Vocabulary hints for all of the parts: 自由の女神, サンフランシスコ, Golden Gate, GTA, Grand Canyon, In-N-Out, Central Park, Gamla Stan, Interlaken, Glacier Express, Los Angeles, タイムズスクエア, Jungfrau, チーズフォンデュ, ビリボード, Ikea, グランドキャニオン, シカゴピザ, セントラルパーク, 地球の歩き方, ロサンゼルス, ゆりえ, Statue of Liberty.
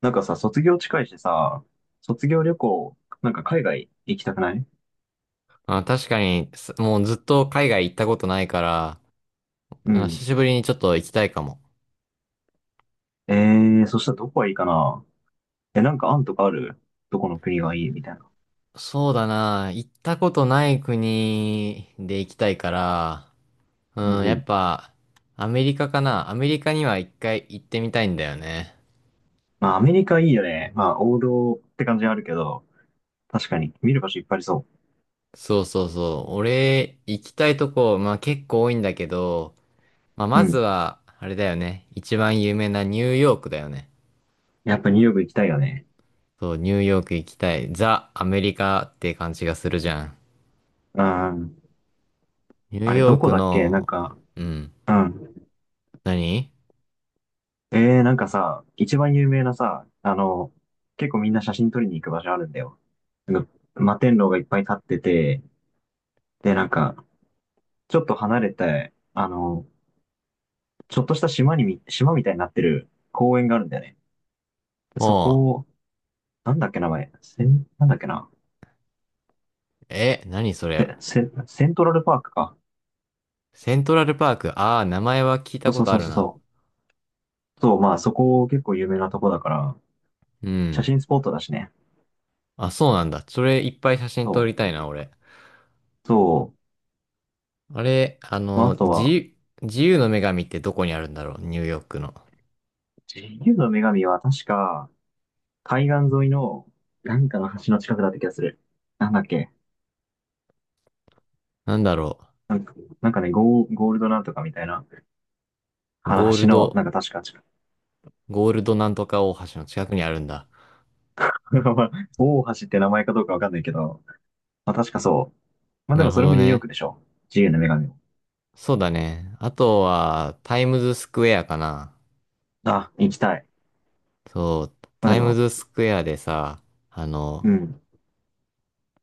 なんかさ、卒業近いしさ、卒業旅行、なんか海外行きたくない。あ、確かに、すもうずっと海外行ったことないから、うあ、久ん。しぶりにちょっと行きたいかも。えそしたらどこがいいかな？え、なんか案とかある？どこの国がいいみたいな。そうだな、行ったことない国で行きたいから、うんうん、うやん。っぱ、アメリカかな。アメリカには一回行ってみたいんだよね。まあ、アメリカいいよね。まあ、王道って感じはあるけど、確かに見る場所いっぱいありそそうそうそう。俺、行きたいとこ、まあ結構多いんだけど、まあう。うまずん。は、あれだよね。一番有名なニューヨークだよね。やっぱニューヨーク行きたいよね。そう、ニューヨーク行きたい。ザ・アメリカって感じがするじゃん。うん。ニューあれ、どヨーこクだっけなんの、か。うん。うん。何。なんかさ、一番有名なさ、結構みんな写真撮りに行く場所あるんだよ。なんか摩天楼がいっぱい立ってて、で、なんか、ちょっと離れて、ちょっとした島みたいになってる公園があるんだよね。そおこう。を、なんだっけ名前、なんだっけな、え、何それ。セントラルパークか。セントラルパーク。ああ、名前は聞いそたうこそうとそあうるそうな。そう。そう、まあそこ結構有名なとこだから、う写ん。真スポットだしね。あ、そうなんだ。それいっぱい写真撮そりたいう。な、俺。そう。あれ、あまああの、と自は、由、自由の女神ってどこにあるんだろう、ニューヨークの。自由の女神は確か、海岸沿いの、なんかの橋の近くだった気がする。なんだっけ。なんだろなんか、なんかね、ゴールドなんとかみたいな、う。あのゴー橋ルの、なド、んか確か。 ゴールドなんとか大橋の近くにあるんだ。まあ大橋って名前かどうかわかんないけど、まあ確かそう。まあでなるもそほれもどニューヨークね。でしょ。自由の女神も。そうだね。あとは、タイムズスクエアかな。あ、行きたい。そう、まあタでイムも、ズスクエアでさ、あの、うん。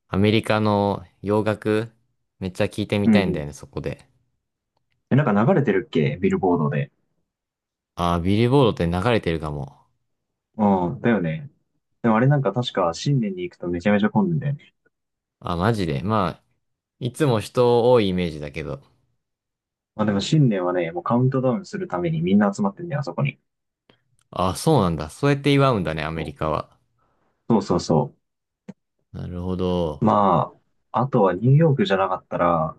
アメリカの洋楽、めっちゃ聞いてみうん、たいんうだん。よね、そこで。え、なんか流れてるっけビルボードで。ああ、ビリボードって流れてるかも。うん、だよね。でもあれなんか確か新年に行くとめちゃめちゃ混んでんだよね。あ、マジで。まあ、いつも人多いイメージだけど。まあでも新年はね、もうカウントダウンするためにみんな集まってんだよ、あそこに。あ、そうなんだ。そうやって祝うんだね、アメリそカは。う。そうそうそなるほう。ど。まあ、あとはニューヨークじゃなかったら、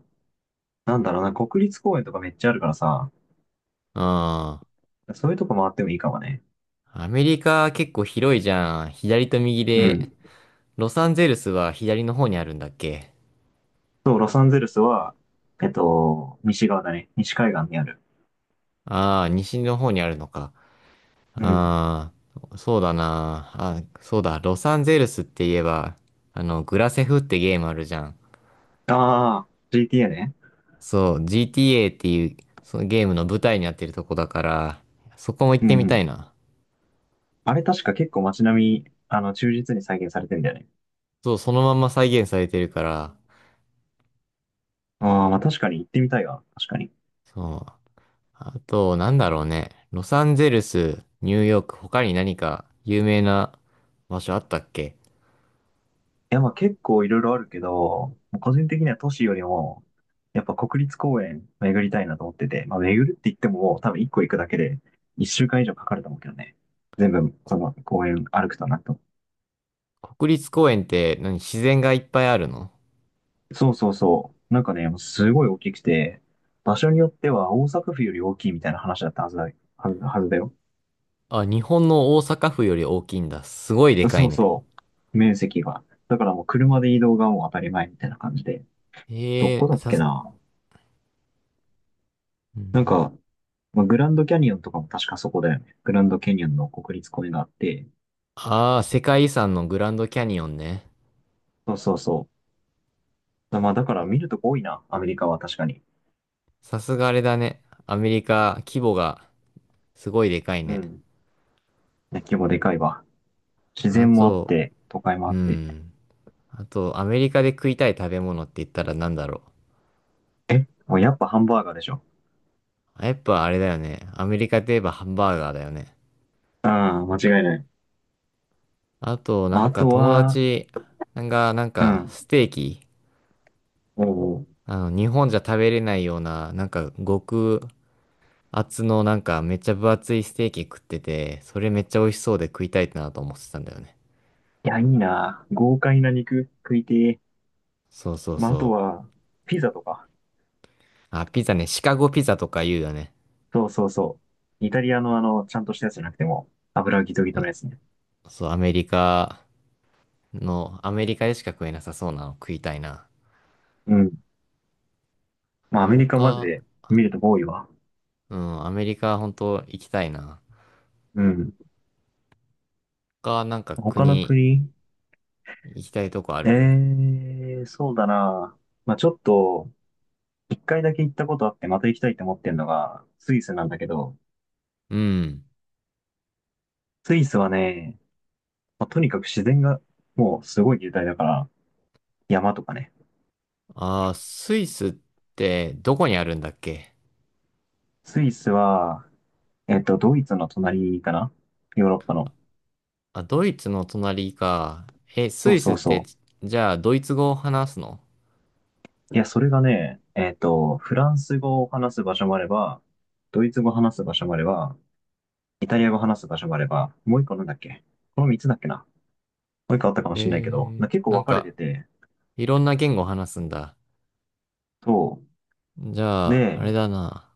なんだろうな、国立公園とかめっちゃあるからさ、うん。アそういうとこ回ってもいいかもね。メリカ結構広いじゃん。左と右うで。ん。ロサンゼルスは左の方にあるんだっけ。そう、ロサンゼルスは、えっと、西側だね。西海岸にある。ああー、西の方にあるのか。うん。ああ、そうだな。あ、そうだ。ロサンゼルスって言えば、あの、グラセフってゲームあるじゃん。ああ、GTA ね。そう、GTA っていう、そのゲームの舞台になってるとこだから、そこも行っうんうてみたん。いな。あれ確か結構街並み、あの、忠実に再現されてんだよね。そう、そのまんま再現されてるから、ああ、まあ確かに行ってみたいわ。確かに。いそう。あと、なんだろうね。ロサンゼルス、ニューヨーク、他に何か有名な場所あったっけ。や、まあ結構いろいろあるけど、個人的には都市よりも、やっぱ国立公園巡りたいなと思ってて、まあ巡るって言ってももう多分1個行くだけで1週間以上かかると思うけどね。全部、その公園歩くとな。と国立公園って何、自然がいっぱいあるの。そうそうそう。なんかね、すごい大きくて、場所によっては大阪府より大きいみたいな話だったはずだ、はずだよ。あ、日本の大阪府より大きいんだ。すごいでかそいうね。そう。面積が。だからもう車で移動がもう当たり前みたいな感じで。どこえだえ、っさけす、なうなんん。か、まあ、グランドキャニオンとかも確かそこだよね。グランドキャニオンの国立公園があって。ああ、世界遺産のグランドキャニオンね。そうそうそう。だまあだから見るとこ多いな、アメリカは確かに。さすがあれだね。アメリカ、規模がすごいでかいうね。ん。ね規模でかいわ。自あ然もあっと、て、都会もあうって。ん。あと、アメリカで食いたい食べ物って言ったらなんだろもうやっぱハンバーガーでしょ。う。やっぱあれだよね。アメリカといえばハンバーガーだよね。うん、間違いない。あと、なまあんあかと友は、達が、なんうか、ん。ステーキ、おお。あの、日本じゃ食べれないような、なんか、極厚の、なんか、めっちゃ分厚いステーキ食ってて、それめっちゃ美味しそうで食いたいなと思ってたんだよね。いや、いいな。豪快な肉食いてえ。そうそうまあ、あとそう。は、ピザとか。あ、ピザね、シカゴピザとか言うよね。そうそうそう。イタリアのあの、ちゃんとしたやつじゃなくても、油ギトギそトのやつね。う、そう、アメリカ、のアメリカでしか食えなさそうなの食いたいな。うん。まあ、アメリカマジ他、で見ると多いわ。うん、アメリカ本当行きたいな。うん。他なんか他の国国、行きたいとこあえる。えー、そうだな。まあ、ちょっと、一回だけ行ったことあって、また行きたいと思ってんのが、スイスなんだけど、うん。スイスはね、まあとにかく自然が、もうすごい雄大だから、山とかね。あー、スイスってどこにあるんだっけ。スイスは、えっと、ドイツの隣かな、ヨーロッパの。あ、ドイツの隣か。え、スそうイスそっうてそじゃあドイツ語を話すの。う。いや、それがね、えっと、フランス語を話す場所もあれば、ドイツ語を話す場所もあれば、イタリア語を話す場所もあれば、もう一個なんだっけ？この三つだっけな、もう一個あったかもしれないけど、えー、な結構なん分かれかてて、いろんな言語を話すんだ。そじう。ゃあ、あで、れだな。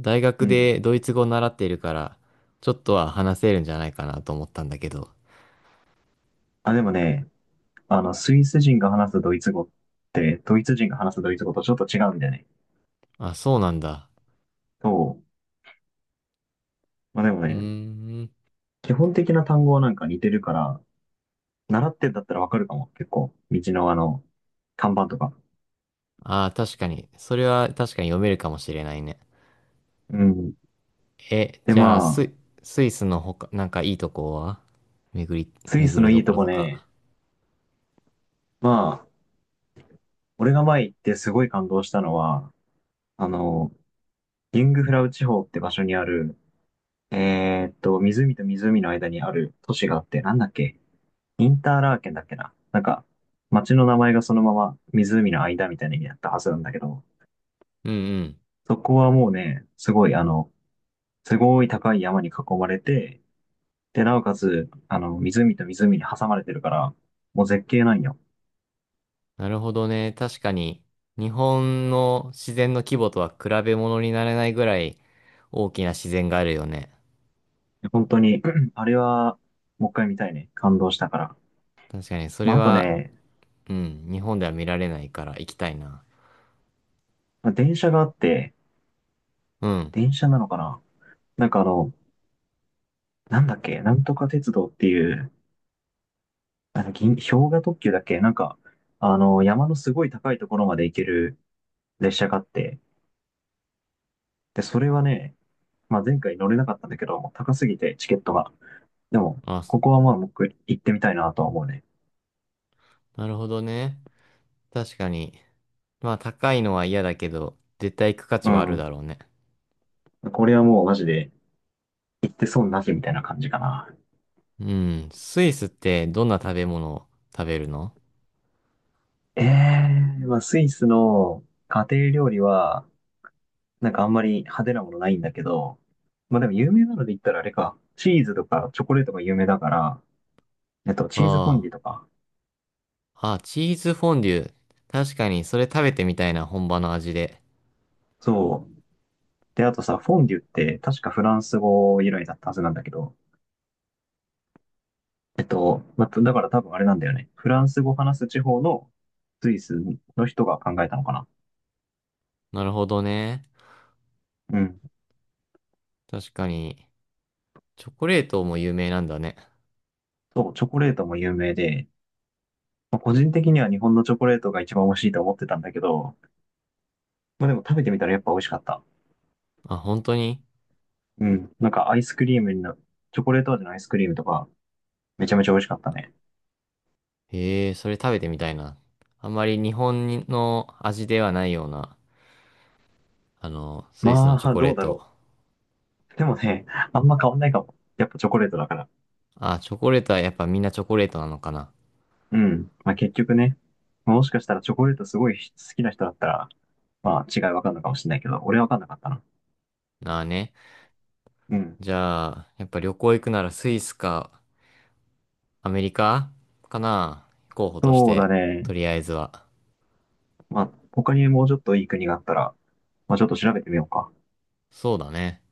大う学ん。でドイツ語を習っているから、ちょっとは話せるんじゃないかなと思ったんだけど。あ、でもね、あの、スイス人が話すドイツ語って、ドイツ人が話すドイツ語とちょっと違うんだよね。あ、そうなんだ。そう。まあでもうーね、ん。基本的な単語はなんか似てるから、習ってんだったらわかるかも、結構。道のあの、看板とか。ああ、確かに。それは確かに読めるかもしれないね。うん。え、で、じゃあ、まス、スイスの他、なんかいいとこは巡り、あ、スイス巡のるいといことろことか。ね、まあ、俺が前行ってすごい感動したのは、あの、ユングフラウ地方って場所にある、えーっと、湖と湖の間にある都市があって、なんだっけ、インターラーケンだっけななんか、町の名前がそのまま湖の間みたいな意味だったはずなんだけど、うんうん。そこはもうね、すごいあの、すごい高い山に囲まれて、で、なおかつ、あの、湖と湖に挟まれてるから、もう絶景なんよ。なるほどね。確かに、日本の自然の規模とは比べ物にならないぐらい大きな自然があるよね。本当に、あれは、もう一回見たいね。感動したから。確かに、それまあ、あとは、ね、うん、日本では見られないから行きたいな。まあ電車があって、うん。電車なのかな、なんかあの、なんだっけ、なんとか鉄道っていう、あの、氷河特急だっけなんか、あの、山のすごい高いところまで行ける列車があって、で、それはね、まあ、前回乗れなかったんだけど、もう高すぎてチケットが。でも、あ、ここはまあ、僕行ってみたいなとは思うね。なるほどね。確かに。まあ高いのは嫌だけど、絶対行く価う値はあるん。だろうね。これはもうマジで、行って損なしみたいな感じかな。うん。スイスってどんな食べ物を食べるの。えまあ、スイスの家庭料理は、なんかあんまり派手なものないんだけど、まあでも有名なので言ったらあれか、チーズとかチョコレートが有名だから、えっと、チーズフォンあデュとあ。か。あ、チーズフォンデュ。確かに、それ食べてみたいな、本場の味で。そう。で、あとさ、フォンデュって確かフランス語由来だったはずなんだけど、えっと、まあ、だから多分あれなんだよね。フランス語話す地方のスイスの人が考えたのかな。なるほどね。うん。確かに、チョコレートも有名なんだね。そう、チョコレートも有名で、まあ個人的には日本のチョコレートが一番美味しいと思ってたんだけど、まあでも食べてみたらやっぱ美味しかった。あ、本当に。うん。なんかアイスクリームにな、チョコレート味のアイスクリームとか、めちゃめちゃ美味しかったね。へえ、それ食べてみたいな。あんまり日本の味ではないような、あの、スイスのまチョあ、コレどーうだト。ろう。でもね、あんま変わんないかも。やっぱチョコレートだから。あ、チョコレートはやっぱみんなチョコレートなのかな。うん。まあ結局ね、もしかしたらチョコレートすごい好きな人だったら、まあ違いわかんのかもしれないけど、俺はわかんなかったな。なあね。うん。じゃあ、やっぱ旅行行くならスイスかアメリカかな、候補としそうだて、とね。りあえずは。まあ他にもうちょっといい国があったら、まあちょっと調べてみようか。そうだね。